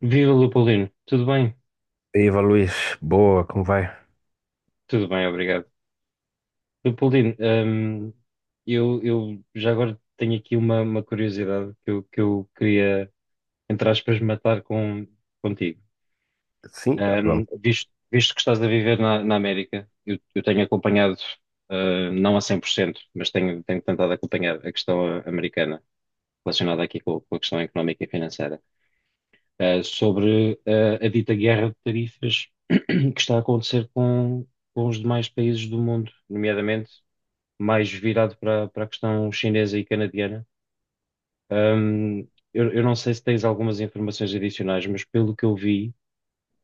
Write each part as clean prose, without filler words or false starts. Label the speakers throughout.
Speaker 1: Viva Leopoldino, tudo bem?
Speaker 2: E Eva Luiz, boa, como vai?
Speaker 1: Tudo bem, obrigado. Leopoldino, eu já agora tenho aqui uma curiosidade que que eu queria, entre aspas, matar contigo.
Speaker 2: Sim,
Speaker 1: Hum,
Speaker 2: vamos.
Speaker 1: visto, visto que estás a viver na América, eu tenho acompanhado, não a 100%, mas tenho tentado acompanhar a questão americana relacionada aqui com a questão económica e financeira. Sobre a dita guerra de tarifas que está a acontecer com os demais países do mundo, nomeadamente mais virado para a questão chinesa e canadiana. Ahm, eu não sei se tens algumas informações adicionais, mas pelo que eu vi,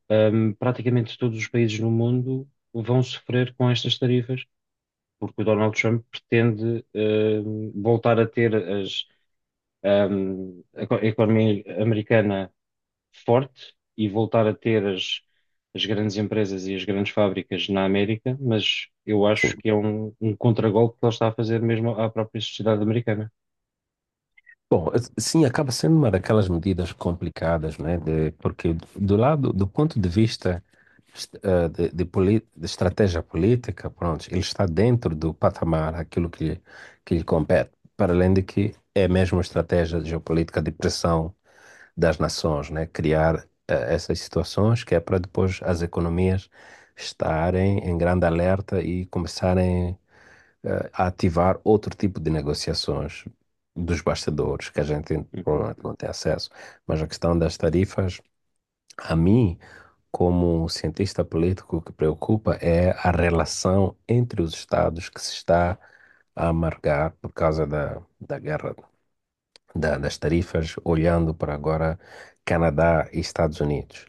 Speaker 1: praticamente todos os países no mundo vão sofrer com estas tarifas, porque o Donald Trump pretende voltar a ter a economia americana forte e voltar a ter as grandes empresas e as grandes fábricas na América, mas eu acho
Speaker 2: Sim.
Speaker 1: que é um contragolpe que ele está a fazer mesmo à própria sociedade americana.
Speaker 2: Bom, sim, acaba sendo uma daquelas medidas complicadas, né? Porque do lado, do ponto de vista de, de estratégia política, pronto, ele está dentro do patamar, aquilo que, que lhe compete, para além de que é mesmo uma estratégia de geopolítica de pressão das nações, né? Criar essas situações que é para depois as economias estarem em grande alerta e começarem a ativar outro tipo de negociações dos bastidores que a gente
Speaker 1: Uhum.
Speaker 2: provavelmente não tem acesso. Mas a questão das tarifas, a mim, como um cientista político, o que preocupa é a relação entre os estados que se está a amargar por causa da guerra das tarifas, olhando para agora Canadá e Estados Unidos.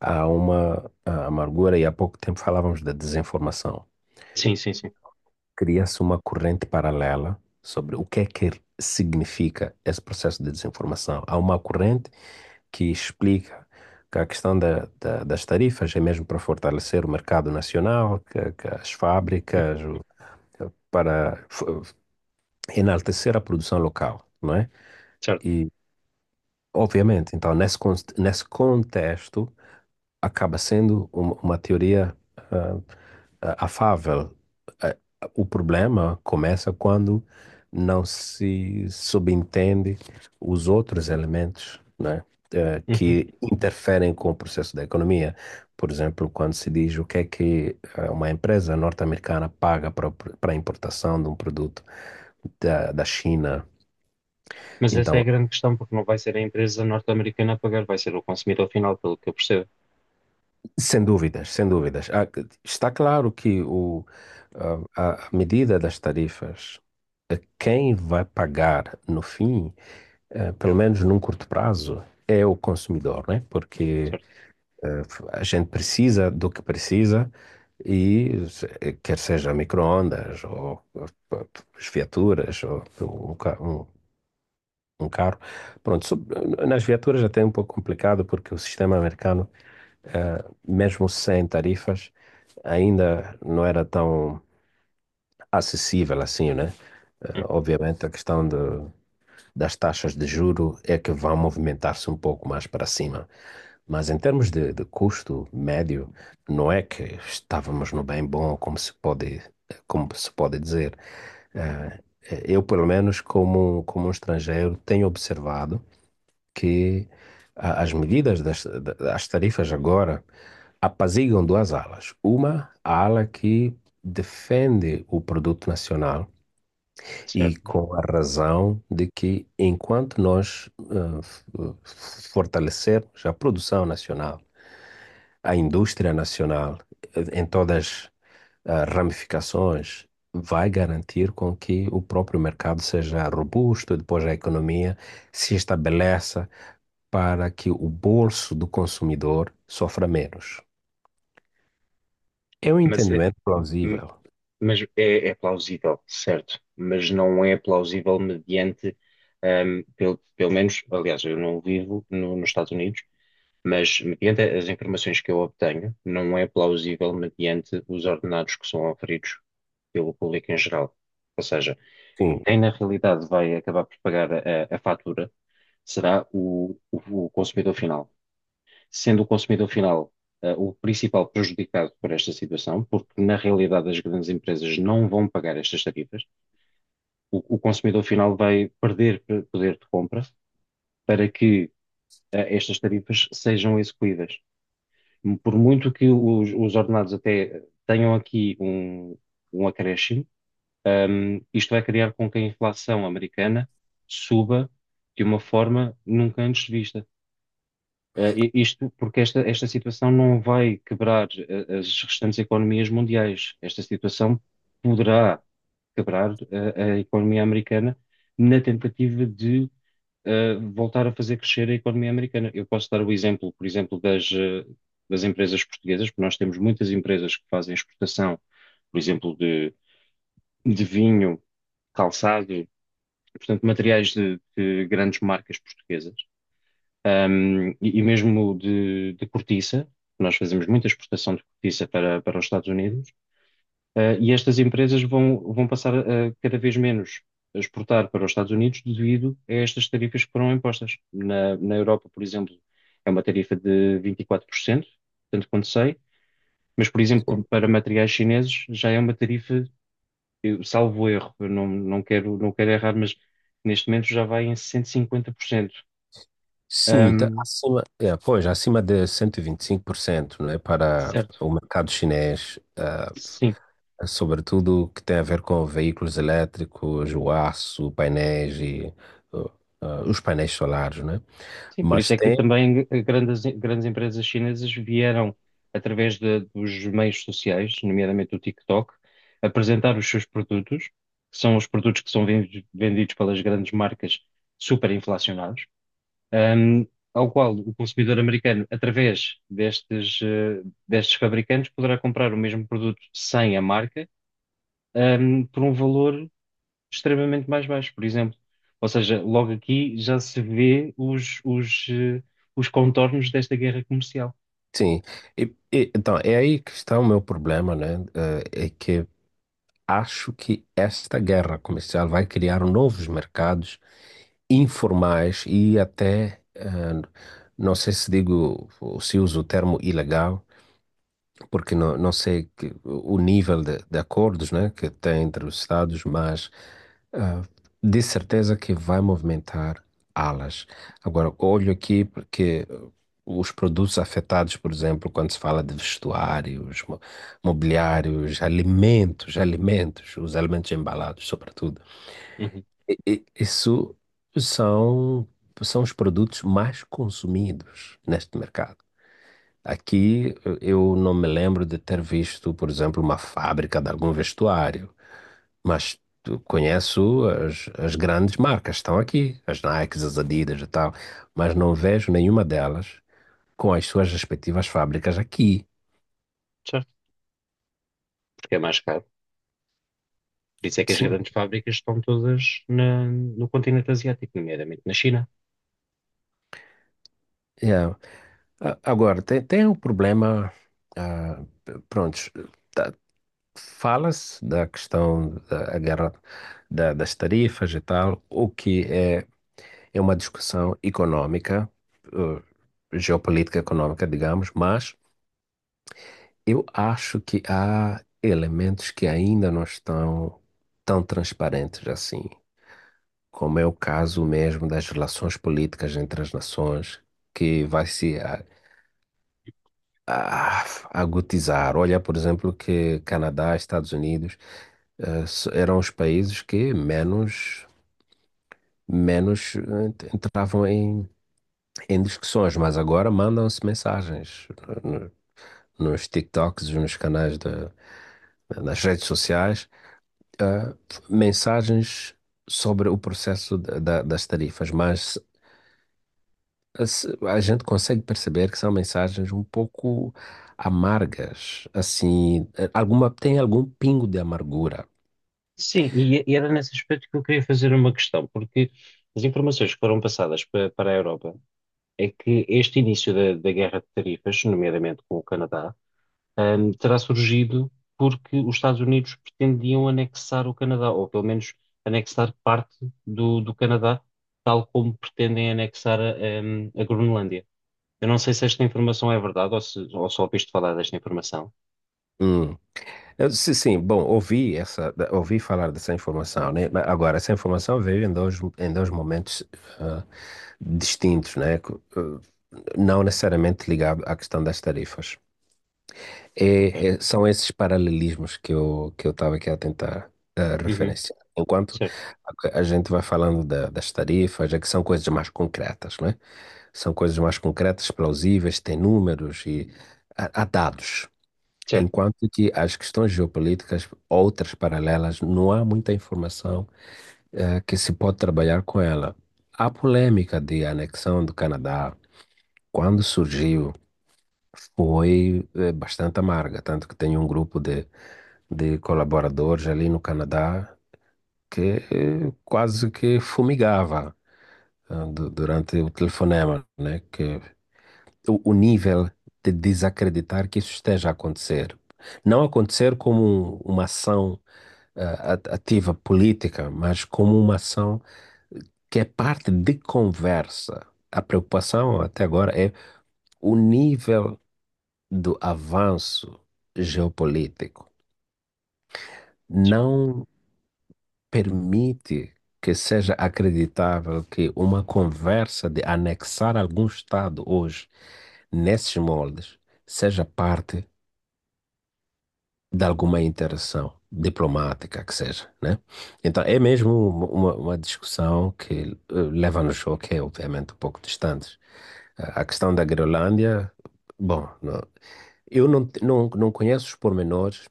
Speaker 2: Há uma amargura, e há pouco tempo falávamos da desinformação.
Speaker 1: Sim, sim, sim.
Speaker 2: Cria-se uma corrente paralela sobre o que é que significa esse processo de desinformação. Há uma corrente que explica que a questão das tarifas é mesmo para fortalecer o mercado nacional, que as fábricas, para enaltecer a produção local, não é?
Speaker 1: Certo.
Speaker 2: E, obviamente, então, nesse contexto, acaba sendo uma teoria afável. Ah, O problema começa quando não se subentende os outros elementos, né,
Speaker 1: Uhum.
Speaker 2: que interferem com o processo da economia. Por exemplo, quando se diz o que é que uma empresa norte-americana paga para para a importação de um produto da China.
Speaker 1: Mas essa é a
Speaker 2: Então,
Speaker 1: grande questão, porque não vai ser a empresa norte-americana a pagar, vai ser o consumidor final, pelo que eu percebo.
Speaker 2: sem dúvidas, sem dúvidas. Está claro que a medida das tarifas, quem vai pagar no fim, pelo menos num curto prazo, é o consumidor, né? Porque
Speaker 1: Certo.
Speaker 2: eh, a gente precisa do que precisa e quer seja micro-ondas ou as viaturas ou um, ca- um- um carro. Pronto, nas viaturas até é um pouco complicado porque o sistema americano, eh, mesmo sem tarifas, ainda não era tão acessível assim, né?
Speaker 1: Uhum.
Speaker 2: Obviamente, a questão das taxas de juro é que vão movimentar-se um pouco mais para cima. Mas em termos de custo médio, não é que estávamos no bem bom, como se pode dizer. Eh, Eu, pelo menos, como um estrangeiro, tenho observado que as medidas das tarifas agora apaziguam duas alas. Uma, a ala que defende o produto nacional e
Speaker 1: Certo.
Speaker 2: com a razão de que enquanto nós, fortalecermos a produção nacional, a indústria nacional, em todas as ramificações, vai garantir com que o próprio mercado seja robusto, depois a economia se estabeleça para que o bolso do consumidor sofra menos. É um
Speaker 1: Mas, é,
Speaker 2: entendimento
Speaker 1: m-
Speaker 2: plausível.
Speaker 1: mas é plausível, certo. Mas não é plausível mediante, pelo menos, aliás, eu não vivo nos Estados Unidos. Mas, mediante as informações que eu obtenho, não é plausível mediante os ordenados que são oferidos pelo público em geral. Ou seja,
Speaker 2: Sim.
Speaker 1: quem na realidade vai acabar por pagar a fatura será o consumidor final. Sendo o consumidor final, o principal prejudicado por esta situação, porque na realidade as grandes empresas não vão pagar estas tarifas, o consumidor final vai perder poder de compra para que, estas tarifas sejam execuídas. Por muito que os ordenados até tenham aqui um acréscimo, isto vai criar com que a inflação americana suba de uma forma nunca antes vista. Isto porque esta situação não vai quebrar as restantes economias mundiais. Esta situação poderá quebrar a economia americana na tentativa de voltar a fazer crescer a economia americana. Eu posso dar o exemplo, por exemplo, das das empresas portuguesas, porque nós temos muitas empresas que fazem exportação, por exemplo, de vinho, calçado, portanto, materiais de grandes marcas portuguesas, e mesmo de cortiça. Nós fazemos muita exportação de cortiça para os Estados Unidos. E estas empresas vão passar a cada vez menos a exportar para os Estados Unidos devido a estas tarifas que foram impostas. Na Europa, por exemplo, é uma tarifa de 24%, tanto quanto sei, mas, por exemplo, para materiais chineses já é uma tarifa, eu, salvo erro, eu não, não quero, não quero errar, mas neste momento já vai em 150%.
Speaker 2: Sim, tá
Speaker 1: Um,
Speaker 2: acima, é, pois, acima de 125%, não é, para
Speaker 1: certo,
Speaker 2: o mercado chinês.
Speaker 1: sim.
Speaker 2: Sobretudo o que tem a ver com veículos elétricos, o aço, painéis e uh, os painéis solares, né?
Speaker 1: Sim, por
Speaker 2: Mas
Speaker 1: isso é que
Speaker 2: tem,
Speaker 1: também grandes empresas chinesas vieram, através dos meios sociais, nomeadamente o TikTok, apresentar os seus produtos, que são os produtos que são vendidos pelas grandes marcas superinflacionados, ahm, ao qual o consumidor americano, através destes fabricantes, poderá comprar o mesmo produto sem a marca, por um valor extremamente mais baixo, por exemplo. Ou seja, logo aqui já se vê os contornos desta guerra comercial.
Speaker 2: sim. E, então, é aí que está o meu problema, né? É que acho que esta guerra comercial vai criar novos mercados informais e até, não sei se digo, se uso o termo ilegal, porque não sei que, o nível de acordos, né, que tem entre os Estados, mas ah, de certeza que vai movimentar alas. Agora, olho aqui porque os produtos afetados, por exemplo, quando se fala de vestuários, mobiliários, alimentos, alimentos, os alimentos embalados, sobretudo,
Speaker 1: Uhum.
Speaker 2: isso são, são os produtos mais consumidos neste mercado. Aqui eu não me lembro de ter visto, por exemplo, uma fábrica de algum vestuário, mas eu conheço as grandes marcas, estão aqui, as Nikes, as Adidas e tal, mas não vejo nenhuma delas com as suas respectivas fábricas aqui.
Speaker 1: Certo, porque é mais caro. Por isso é que as
Speaker 2: Sim.
Speaker 1: grandes fábricas estão todas no continente asiático, nomeadamente na China.
Speaker 2: É. Agora, tem um problema. ah, Pronto, tá- fala-se da questão da guerra das tarifas e tal, o que é É uma discussão econômica, geopolítica econômica, digamos, mas eu acho que há elementos que ainda não estão tão transparentes assim, como é o caso mesmo das relações políticas entre as nações, que vai se a- agudizar. Olha, por exemplo, que Canadá, Estados Unidos, eram os países que menos entravam em discussões, mas agora mandam-se mensagens no- nos TikToks, nos canais da nas redes sociais, ah, mensagens sobre o processo das tarifas, mas a gente consegue perceber que são mensagens um pouco amargas, assim, tem algum pingo de amargura.
Speaker 1: Sim, e era nesse aspecto que eu queria fazer uma questão, porque as informações que foram passadas para a Europa é que este início da guerra de tarifas, nomeadamente com o Canadá, terá surgido porque os Estados Unidos pretendiam anexar o Canadá, ou pelo menos anexar parte do Canadá, tal como pretendem anexar a Groenlândia. Eu não sei se esta informação é verdade ou, se, ou só ouviste falar desta informação.
Speaker 2: Hum. Eu disse, sim, bom, ouvi falar dessa informação, né? Mas agora, essa informação veio em dois momentos, ah, distintos, né? Não necessariamente ligado à questão das tarifas.
Speaker 1: Ok.
Speaker 2: São esses paralelismos que eu estava aqui a tentar
Speaker 1: Uhum.
Speaker 2: referenciar. Enquanto
Speaker 1: Certo,
Speaker 2: a gente vai falando das tarifas, é que são coisas mais concretas, né? São coisas mais concretas, plausíveis, têm números e há dados.
Speaker 1: certo,
Speaker 2: Enquanto que as questões geopolíticas, outras paralelas, não há muita informação, que se pode trabalhar com ela. A polêmica de anexão do Canadá, quando surgiu, foi, bastante amarga, tanto que tem um grupo de colaboradores ali no Canadá que, quase que fumigava, durante o telefonema, né? Que o nível de desacreditar que isso esteja a acontecer. Não acontecer como uma ação ativa política, mas como uma ação que é parte de conversa. A preocupação até agora é o nível do avanço geopolítico.
Speaker 1: certo,
Speaker 2: Não permite que seja acreditável que uma conversa de anexar algum Estado hoje nesses moldes seja parte de alguma interação diplomática que seja, né? Então é mesmo uma discussão que, leva-nos ao que é obviamente um pouco distantes. A questão da Groenlândia, bom, eu não conheço os pormenores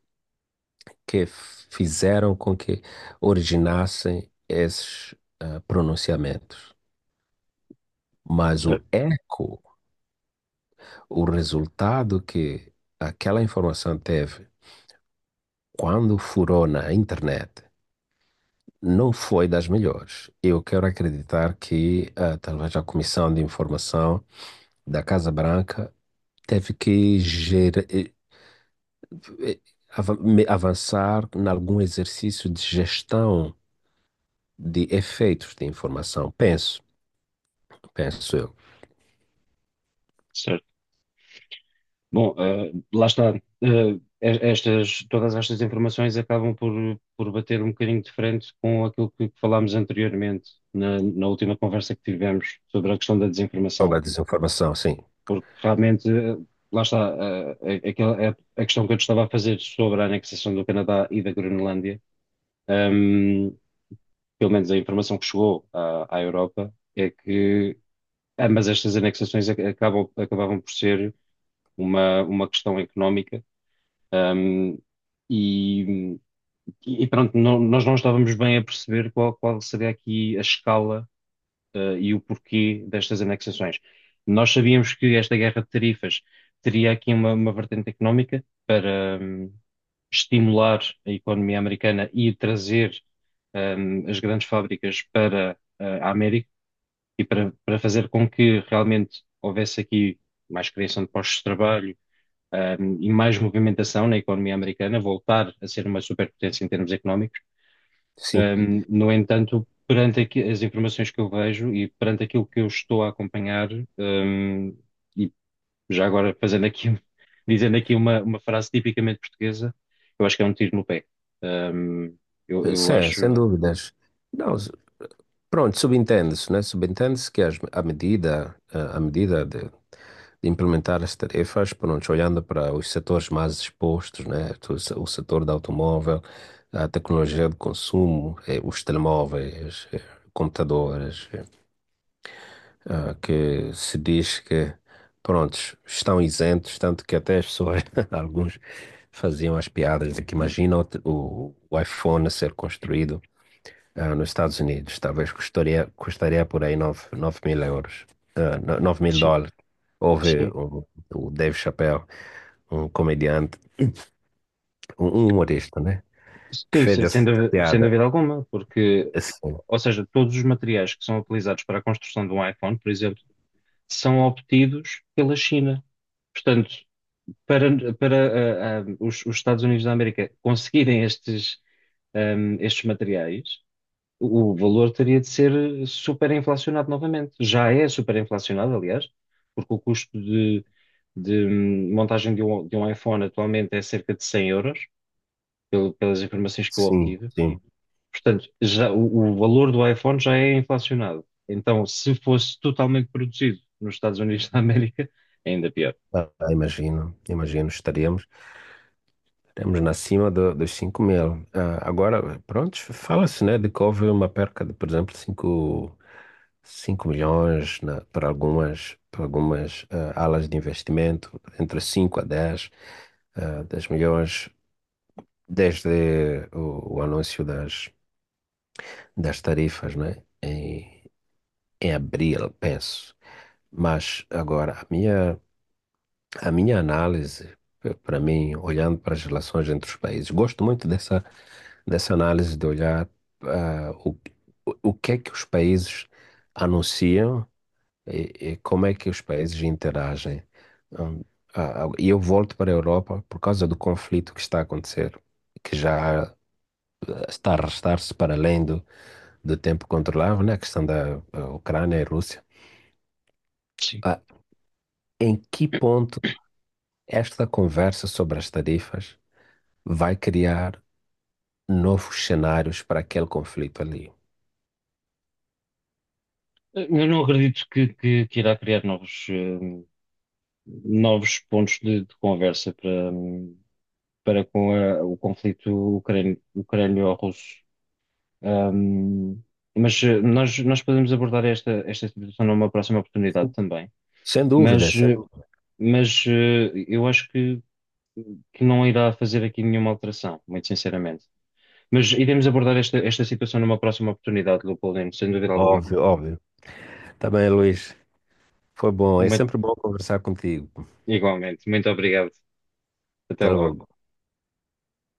Speaker 2: que fizeram com que originassem esses, pronunciamentos, mas o
Speaker 1: certo,
Speaker 2: eco, o resultado que aquela informação teve quando furou na internet não foi das melhores. Eu quero acreditar que, talvez a Comissão de Informação da Casa Branca teve que eh, avançar em algum exercício de gestão de efeitos de informação. Penso, penso eu.
Speaker 1: certo. Bom, lá está. Todas estas informações acabam por bater um bocadinho de frente com aquilo que falámos anteriormente, na última conversa que tivemos sobre a questão da
Speaker 2: Sobre
Speaker 1: desinformação.
Speaker 2: a desinformação, sim.
Speaker 1: Porque realmente, lá está, a questão que eu te estava a fazer sobre a anexação do Canadá e da Groenlândia, ehm, pelo menos a informação que chegou à Europa, é que ambas estas anexações acabavam por ser uma questão económica. Um, e, e pronto, nós não estávamos bem a perceber qual seria aqui a escala, e o porquê destas anexações. Nós sabíamos que esta guerra de tarifas teria aqui uma vertente económica para, estimular a economia americana e trazer, as grandes fábricas para, a América e para, para fazer com que realmente houvesse aqui mais criação de postos de trabalho, e mais movimentação na economia americana, voltar a ser uma superpotência em termos económicos.
Speaker 2: Sim,
Speaker 1: No entanto, perante as informações que eu vejo e perante aquilo que eu estou a acompanhar, um, e já agora fazendo aqui, dizendo aqui uma frase tipicamente portuguesa, eu acho que é um tiro no pé. Um, eu, eu
Speaker 2: Sem,
Speaker 1: acho,
Speaker 2: sem dúvidas. Não, pronto, subentende-se, né? Subentende-se que a medida de implementar as tarefas, pronto, olhando para os setores mais expostos, né? O setor do automóvel, a tecnologia de consumo, os telemóveis, computadores, que se diz que, prontos, estão isentos, tanto que até as pessoas, alguns faziam as piadas de que imagina o, te- o iPhone a ser construído, nos Estados Unidos, talvez custaria, custaria por aí 9.000 euros, nove mil
Speaker 1: sim,
Speaker 2: dólares. Houve
Speaker 1: sim,
Speaker 2: o Dave Chappelle, um comediante, um humorista, né? Que
Speaker 1: sim,
Speaker 2: fez
Speaker 1: sem
Speaker 2: essa
Speaker 1: dúvida, sem
Speaker 2: piada.
Speaker 1: dúvida alguma, porque,
Speaker 2: Assim,
Speaker 1: ou seja, todos os materiais que são utilizados para a construção de um iPhone, por exemplo, são obtidos pela China. Portanto, para os Estados Unidos da América conseguirem estes, estes materiais, o valor teria de ser superinflacionado novamente. Já é superinflacionado, aliás, porque o custo de montagem de um iPhone atualmente é cerca de 100 euros, pelas informações que eu
Speaker 2: sim,
Speaker 1: obtive.
Speaker 2: sim.
Speaker 1: Portanto, já, o valor do iPhone já é inflacionado. Então, se fosse totalmente produzido nos Estados Unidos da América, é ainda pior.
Speaker 2: Imagino, imagino, estaríamos, estaríamos na cima dos 5.000. Agora, pronto, fala-se, né, de que houve uma perca de, por exemplo, cinco milhões, para algumas, alas de investimento, entre 5 a dez, 10 milhões, desde o anúncio das tarifas, né? Em abril, penso. Mas agora, a minha análise, para mim, olhando para as relações entre os países, gosto muito dessa análise de olhar, ah, o, o o que é que os países anunciam. E, como é que os países interagem? Hum, E eu volto para a Europa por causa do conflito que está a acontecer, que já, está a arrastar-se para além do tempo controlável, né? A questão da, Ucrânia e Rússia.
Speaker 1: Sim.
Speaker 2: Ah, em que ponto esta conversa sobre as tarifas vai criar novos cenários para aquele conflito ali?
Speaker 1: Eu não acredito que irá criar novos, novos pontos de conversa para, para com o conflito ucrânio-russo. Hum, mas nós podemos abordar esta situação numa próxima oportunidade também.
Speaker 2: Sem dúvida,
Speaker 1: Mas,
Speaker 2: sem.
Speaker 1: eh, mas eu acho que não irá fazer aqui nenhuma alteração, muito sinceramente. Mas iremos abordar esta situação numa próxima oportunidade, Leopoldino, sem dúvida alguma.
Speaker 2: Óbvio, óbvio. Tá bem, Luís. Foi bom. É
Speaker 1: Muito-
Speaker 2: sempre bom conversar contigo.
Speaker 1: Igualmente. Muito obrigado. Até
Speaker 2: Até logo.
Speaker 1: logo.